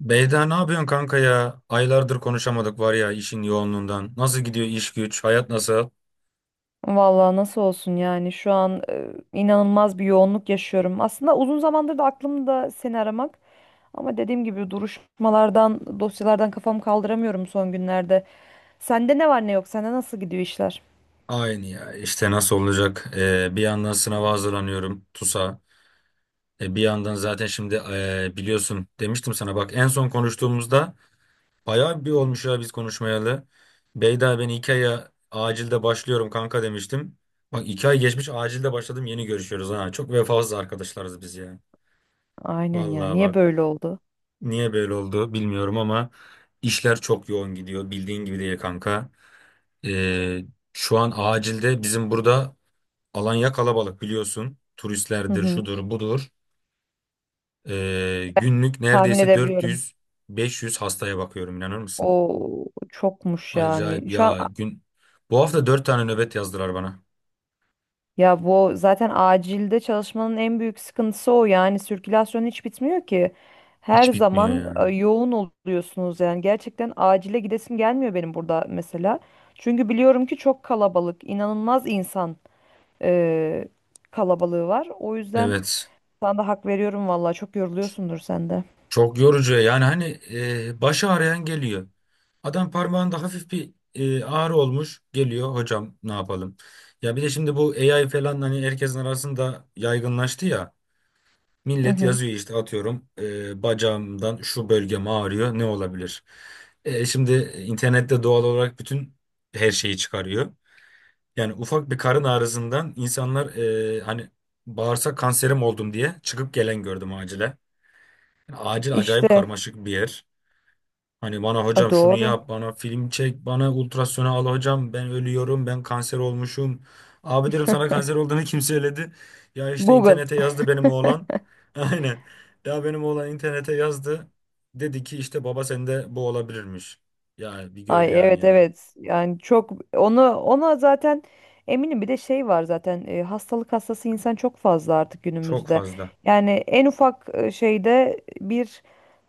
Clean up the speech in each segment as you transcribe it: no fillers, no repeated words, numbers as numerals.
Beyda ne yapıyorsun kanka ya? Aylardır konuşamadık var ya işin yoğunluğundan. Nasıl gidiyor iş güç? Hayat nasıl? Vallahi nasıl olsun yani şu an inanılmaz bir yoğunluk yaşıyorum. Aslında uzun zamandır da aklımda seni aramak, ama dediğim gibi duruşmalardan, dosyalardan kafamı kaldıramıyorum son günlerde. Sende ne var ne yok? Sende nasıl gidiyor işler? Aynı ya işte nasıl olacak? Bir yandan sınava hazırlanıyorum TUS'a. Bir yandan zaten şimdi biliyorsun demiştim sana, bak en son konuştuğumuzda bayağı bir olmuş ya biz konuşmayalı. Beyda, ben 2 aya acilde başlıyorum kanka demiştim. Bak, 2 ay geçmiş, acilde başladım, yeni görüşüyoruz ha. Çok vefasız arkadaşlarız biz ya. Aynen ya. Vallahi Niye bak. böyle oldu? Niye böyle oldu bilmiyorum ama işler çok yoğun gidiyor, bildiğin gibi değil kanka. Ee, şu an acilde bizim burada Alanya kalabalık biliyorsun. Hı Turistlerdir, hı. şudur, budur. Ben Günlük tahmin neredeyse edebiliyorum. 400-500 hastaya bakıyorum, inanır mısın? O çokmuş Acayip yani. Şu an. ya gün. Bu hafta 4 tane nöbet yazdılar bana. Ya bu zaten acilde çalışmanın en büyük sıkıntısı o yani, sirkülasyon hiç bitmiyor ki. Her Hiç bitmiyor zaman yani. yoğun oluyorsunuz, yani gerçekten acile gidesim gelmiyor benim burada mesela. Çünkü biliyorum ki çok kalabalık, inanılmaz insan e, kalabalığı var. O yüzden Evet. sana da hak veriyorum, valla çok yoruluyorsundur sen de. Çok yorucu yani, hani başı ağrıyan geliyor. Adam parmağında hafif bir ağrı olmuş, geliyor, hocam ne yapalım. Ya bir de şimdi bu AI falan hani herkesin arasında yaygınlaştı ya. Hı Millet hı. yazıyor işte, atıyorum bacağımdan şu bölgem ağrıyor, ne olabilir? Şimdi internette doğal olarak bütün her şeyi çıkarıyor. Yani ufak bir karın ağrısından insanlar hani bağırsak kanserim oldum diye çıkıp gelen gördüm acile. Yani acil acayip İşte. karmaşık bir yer. Hani bana A, hocam şunu doğru. yap, bana film çek, bana ultrasona al hocam, ben ölüyorum, ben kanser olmuşum. Abi diyorum, sana kanser olduğunu kim söyledi? Ya işte Google. internete yazdı benim oğlan. Aynen. Ya benim oğlan internete yazdı. Dedi ki işte baba sende bu olabilirmiş. Ya bir gör Ay, yani evet ya. evet, yani çok onu ona zaten eminim bir de şey var zaten, hastalık hastası insan çok fazla artık Çok günümüzde. fazla. Yani en ufak şeyde bir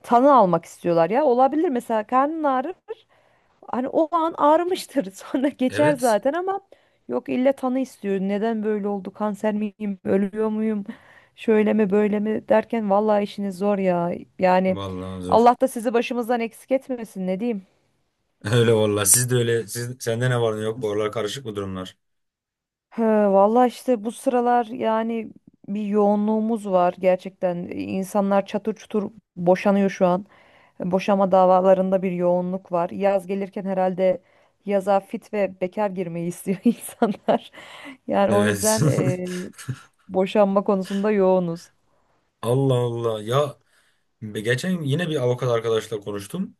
tanı almak istiyorlar. Ya olabilir mesela, karnın ağrır hani, o an ağrımıştır sonra geçer Evet. zaten, ama yok illa tanı istiyor. Neden böyle oldu, kanser miyim, ölüyor muyum, şöyle mi böyle mi derken vallahi işiniz zor ya yani. Vallahi zor. Allah da sizi başımızdan eksik etmesin, ne diyeyim. Öyle vallahi. Siz de öyle. Siz, sende ne var ne yok? Bu aralar karışık mı durumlar? He, valla işte bu sıralar yani bir yoğunluğumuz var gerçekten. İnsanlar çatır çutur boşanıyor şu an. Boşama davalarında bir yoğunluk var. Yaz gelirken herhalde yaza fit ve bekar girmeyi istiyor insanlar. Yani o Evet. yüzden boşanma konusunda yoğunuz. Allah Allah. Ya geçen yine bir avukat arkadaşla konuştum.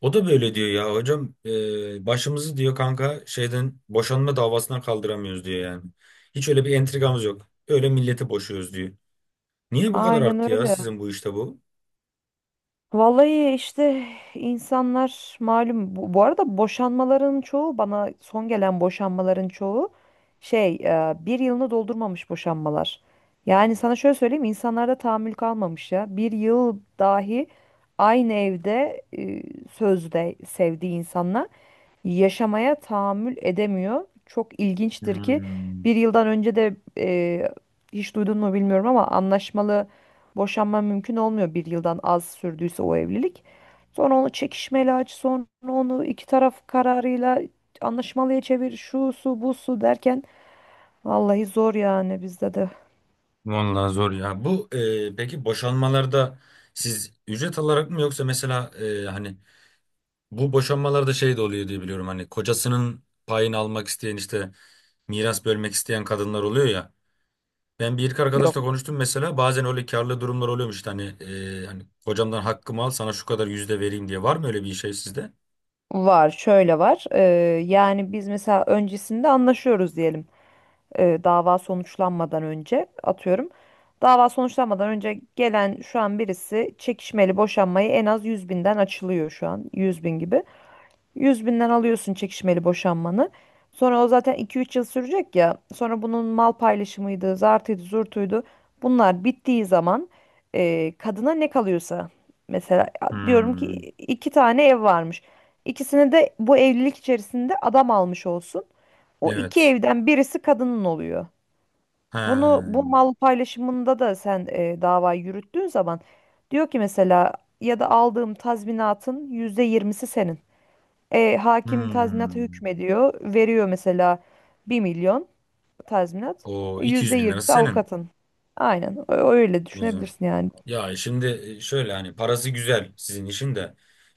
O da böyle diyor ya hocam, başımızı diyor kanka şeyden, boşanma davasından kaldıramıyoruz diyor yani. Hiç öyle bir entrikamız yok. Öyle milleti boşuyoruz diyor. Niye bu kadar Aynen arttı ya öyle. sizin bu işte bu? Vallahi işte, insanlar malum bu arada boşanmaların çoğu, bana son gelen boşanmaların çoğu şey, bir yılını doldurmamış boşanmalar. Yani sana şöyle söyleyeyim, insanlarda tahammül kalmamış ya. Bir yıl dahi aynı evde sözde sevdiği insanla yaşamaya tahammül edemiyor. Çok ilginçtir ki Hmm, bir yıldan önce de, hiç duydun mu bilmiyorum ama, anlaşmalı boşanma mümkün olmuyor bir yıldan az sürdüyse o evlilik. Sonra onu çekişmeli aç, sonra onu iki taraf kararıyla anlaşmalıya çevir, şu su bu su derken vallahi zor yani bizde de. Vallahi zor ya. Peki, boşanmalarda siz ücret alarak mı, yoksa mesela hani bu boşanmalarda şey de oluyor diye biliyorum, hani kocasının payını almak isteyen, işte miras bölmek isteyen kadınlar oluyor ya. Ben bir iki Yok, arkadaşla konuştum, mesela bazen öyle karlı durumlar oluyormuş işte, hani hani hocamdan hakkımı al sana şu kadar yüzde vereyim diye, var mı öyle bir şey sizde? var, şöyle var. Yani biz mesela öncesinde anlaşıyoruz diyelim. Dava sonuçlanmadan önce atıyorum. Dava sonuçlanmadan önce gelen şu an birisi çekişmeli boşanmayı en az 100.000'den açılıyor, şu an 100.000 gibi. 100 binden alıyorsun çekişmeli boşanmanı. Sonra o zaten iki üç yıl sürecek ya. Sonra bunun mal paylaşımıydı, zartıydı, zurtuydu. Bunlar bittiği zaman kadına ne kalıyorsa mesela, diyorum ki Hmm. iki tane ev varmış. İkisini de bu evlilik içerisinde adam almış olsun. O iki Evet. evden birisi kadının oluyor. Bunu, Ha. bu mal paylaşımında da sen dava yürüttüğün zaman, diyor ki mesela, ya da aldığım tazminatın yüzde yirmisi senin. Hakim tazminata Hmm. hükmediyor. Veriyor mesela 1.000.000 tazminat. O 200 bin lirası %20'si senin. avukatın. Aynen. Öyle Güzel. düşünebilirsin yani. Ya şimdi şöyle, hani parası güzel sizin işin de.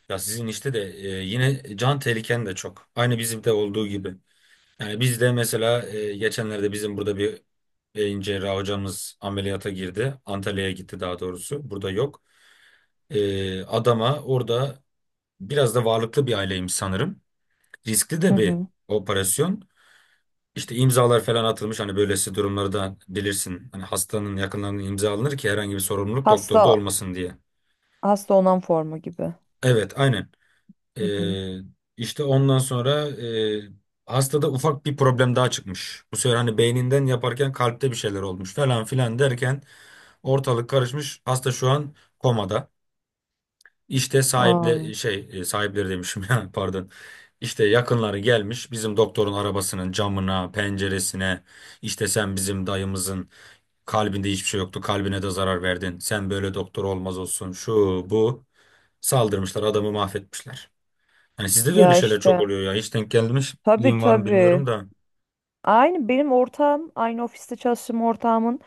Ya sizin işte de yine can tehliken de çok. Aynı bizim de olduğu gibi. Yani biz de mesela geçenlerde bizim burada bir beyin cerrahı hocamız ameliyata girdi. Antalya'ya gitti daha doğrusu. Burada yok. Adama orada, biraz da varlıklı bir aileymiş sanırım. Riskli Hı de bir hı. operasyon. İşte imzalar falan atılmış, hani böylesi durumlarda bilirsin. Hani hastanın yakınlarının imza alınır ki herhangi bir sorumluluk doktorda Hasta olmasın diye. hasta onan formu gibi. Evet, aynen. Hı hı. E, işte ondan sonra hastada ufak bir problem daha çıkmış. Bu sefer hani beyninden yaparken kalpte bir şeyler olmuş falan filan derken ortalık karışmış. Hasta şu an komada. İşte Aa, sahipleri demişim ya, pardon. İşte yakınları gelmiş bizim doktorun arabasının camına, penceresine. İşte sen bizim dayımızın kalbinde hiçbir şey yoktu. Kalbine de zarar verdin. Sen böyle doktor olmaz olsun. Şu bu, saldırmışlar, adamı mahvetmişler. Hani sizde de öyle ya şeyler çok işte. oluyor ya. Hiç denk Tabii gelmişliğim var mı bilmiyorum tabii. da. Aynı benim ortağım, aynı ofiste çalıştığım ortağımın,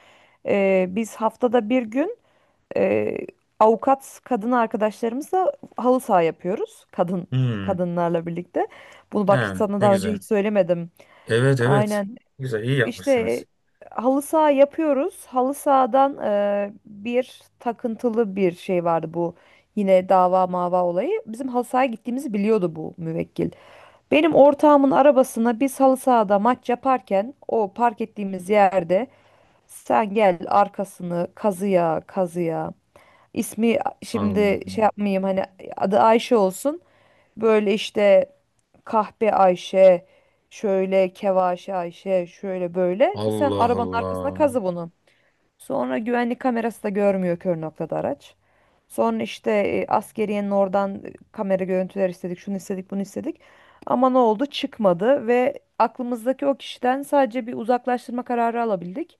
biz haftada bir gün, e, avukat kadın arkadaşlarımızla halı saha yapıyoruz. Hmm. Kadınlarla birlikte. Bunu bak He, hiç sana ne daha önce güzel. hiç söylemedim. Evet, evet. Aynen. Güzel, iyi İşte yapmışsınız. halı saha yapıyoruz. Halı sahadan bir takıntılı bir şey vardı bu. Yine dava mava olayı. Bizim halı sahaya gittiğimizi biliyordu bu müvekkil. Benim ortağımın arabasına, biz halı sahada maç yaparken, o park ettiğimiz yerde sen gel arkasını kazıya kazıya. İsmi Allah şimdi şey yapmayayım hani, adı Ayşe olsun. Böyle işte kahpe Ayşe, şöyle kevaşe Ayşe, şöyle böyle. Sen Allah arabanın arkasına Allah. kazı bunu. Sonra güvenlik kamerası da görmüyor, kör noktada araç. Sonra işte askeriyenin oradan kamera görüntüler istedik, şunu istedik, bunu istedik. Ama ne oldu? Çıkmadı ve aklımızdaki o kişiden sadece bir uzaklaştırma kararı alabildik.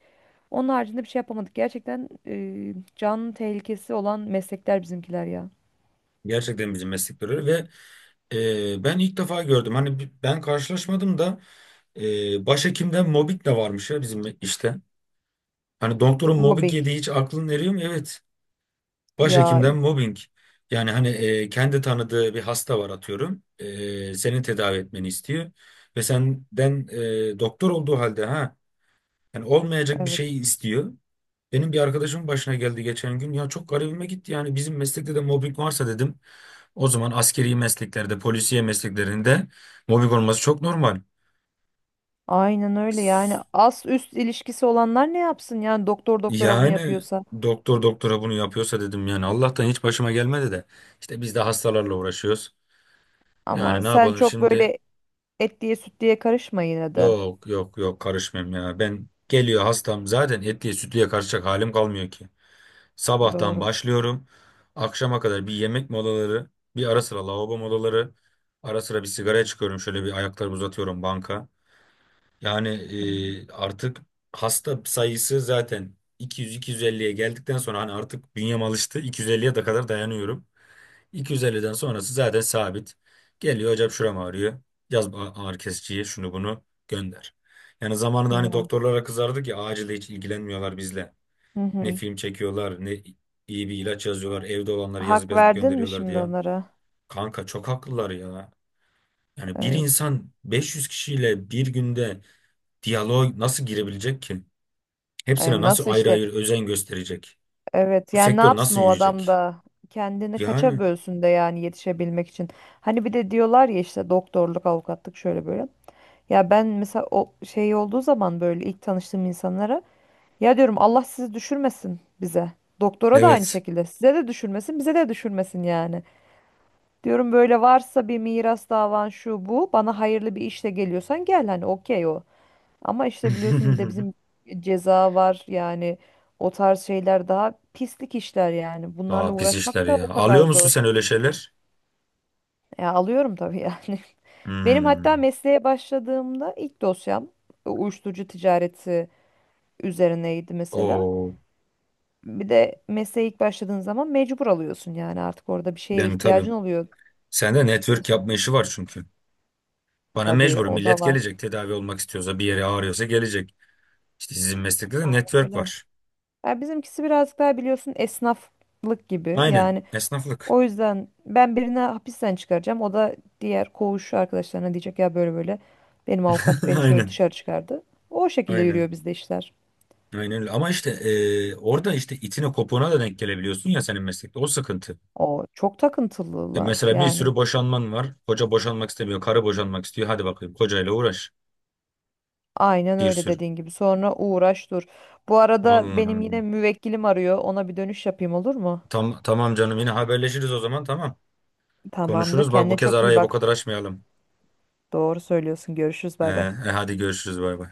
Onun haricinde bir şey yapamadık. Gerçekten can tehlikesi olan meslekler bizimkiler ya. Gerçekten bizim meslek görüyor ve ben ilk defa gördüm. Hani ben karşılaşmadım da başhekimden mobbing de varmış ya bizim işte. Hani doktorun mobbing Mobbing. yediği hiç aklın eriyor mu? Evet. Ya Başhekimden mobbing. Yani hani kendi tanıdığı bir hasta var, atıyorum. Seni tedavi etmeni istiyor. Ve senden doktor olduğu halde ha, yani olmayacak bir evet. şeyi istiyor. Benim bir arkadaşımın başına geldi geçen gün. Ya çok garibime gitti, yani bizim meslekte de mobbing varsa dedim. O zaman askeri mesleklerde, polisiye mesleklerinde mobbing olması çok normal. Aynen öyle yani, as üst ilişkisi olanlar ne yapsın yani, doktor doktora bunu Yani yapıyorsa. doktor doktora bunu yapıyorsa dedim yani, Allah'tan hiç başıma gelmedi de. İşte biz de hastalarla uğraşıyoruz. Aman Yani ne sen yapalım çok şimdi? böyle et diye süt diye karışma yine de. Yok yok yok, karışmayayım ya. Ben geliyor hastam zaten, etliye sütlüye karışacak halim kalmıyor ki. Sabahtan Doğru. başlıyorum. Akşama kadar bir yemek molaları, bir ara sıra lavabo molaları, ara sıra bir sigara çıkıyorum. Şöyle bir ayaklarımı uzatıyorum banka. Yani Hı hı. Artık hasta sayısı zaten 200-250'ye geldikten sonra hani artık bünyem alıştı. 250'ye de kadar dayanıyorum. 250'den sonrası zaten sabit. Geliyor hocam şuram ağrıyor. Yaz bu ağrı kesiciye, şunu bunu gönder. Yani zamanında hani Ya. doktorlara kızardık ya, acilde hiç ilgilenmiyorlar bizle. Hı Ne hı. film çekiyorlar ne iyi bir ilaç yazıyorlar. Evde olanları yazıp Hak yazıp verdin mi gönderiyorlar şimdi diye. onlara? Kanka çok haklılar ya. Yani bir Evet. insan 500 kişiyle bir günde diyaloğa nasıl girebilecek ki? Hepsine Ay, nasıl nasıl ayrı işte? ayrı özen gösterecek? Evet Bu yani ne sektör yapsın nasıl o adam yürüyecek? da, kendini kaça Yani bölsün de yani yetişebilmek için. Hani bir de diyorlar ya işte doktorluk, avukatlık şöyle böyle. Ya ben mesela o şey olduğu zaman, böyle ilk tanıştığım insanlara, ya diyorum, Allah sizi düşürmesin bize. Doktora da aynı evet. şekilde. Size de düşürmesin, bize de düşürmesin yani. Diyorum, böyle varsa bir miras davan şu bu, bana hayırlı bir işle geliyorsan gel, hani okey o. Ama işte biliyorsun, bir de bizim ceza var yani, o tarz şeyler daha pislik işler yani. Bunlarla Daha pis işler uğraşmak da ya. o kadar Alıyor musun zor. sen öyle şeyler? Ya alıyorum tabii yani. Benim hatta Hmm. mesleğe başladığımda ilk dosyam uyuşturucu ticareti üzerineydi mesela. O Bir de mesleğe ilk başladığın zaman mecbur alıyorsun yani, artık orada bir şeye benim tabii. ihtiyacın oluyor. Sende O network yapma sebep- işi var çünkü. Bana Tabii mecbur o da millet var. gelecek, tedavi olmak istiyorsa, bir yere ağrıyorsa gelecek. İşte sizin meslekte de Aynen network öyle. var. Ya bizimkisi birazcık daha biliyorsun, esnaflık gibi. Aynen. Yani Esnaflık. o yüzden, ben birini hapisten çıkaracağım. O da diğer koğuş arkadaşlarına diyecek ya, böyle böyle benim avukat beni şöyle Aynen. dışarı çıkardı. O şekilde Aynen. yürüyor bizde işler. Aynen öyle. Ama işte orada işte itine kopuğuna da denk gelebiliyorsun ya senin meslekte. O sıkıntı. O çok takıntılılar Mesela bir yani. sürü boşanman var. Koca boşanmak istemiyor. Karı boşanmak istiyor. Hadi bakayım kocayla uğraş. Aynen Bir öyle sürü. dediğin gibi. Sonra uğraş dur. Bu arada benim yine Vallahi. müvekkilim arıyor. Ona bir dönüş yapayım, olur mu? Tamam, canım, yine haberleşiriz o zaman, tamam. Tamamdır. Konuşuruz. Bak bu Kendine kez çok iyi arayı bu bak. kadar açmayalım. Doğru söylüyorsun. Görüşürüz. Bay bay. Hadi görüşürüz, bay bay.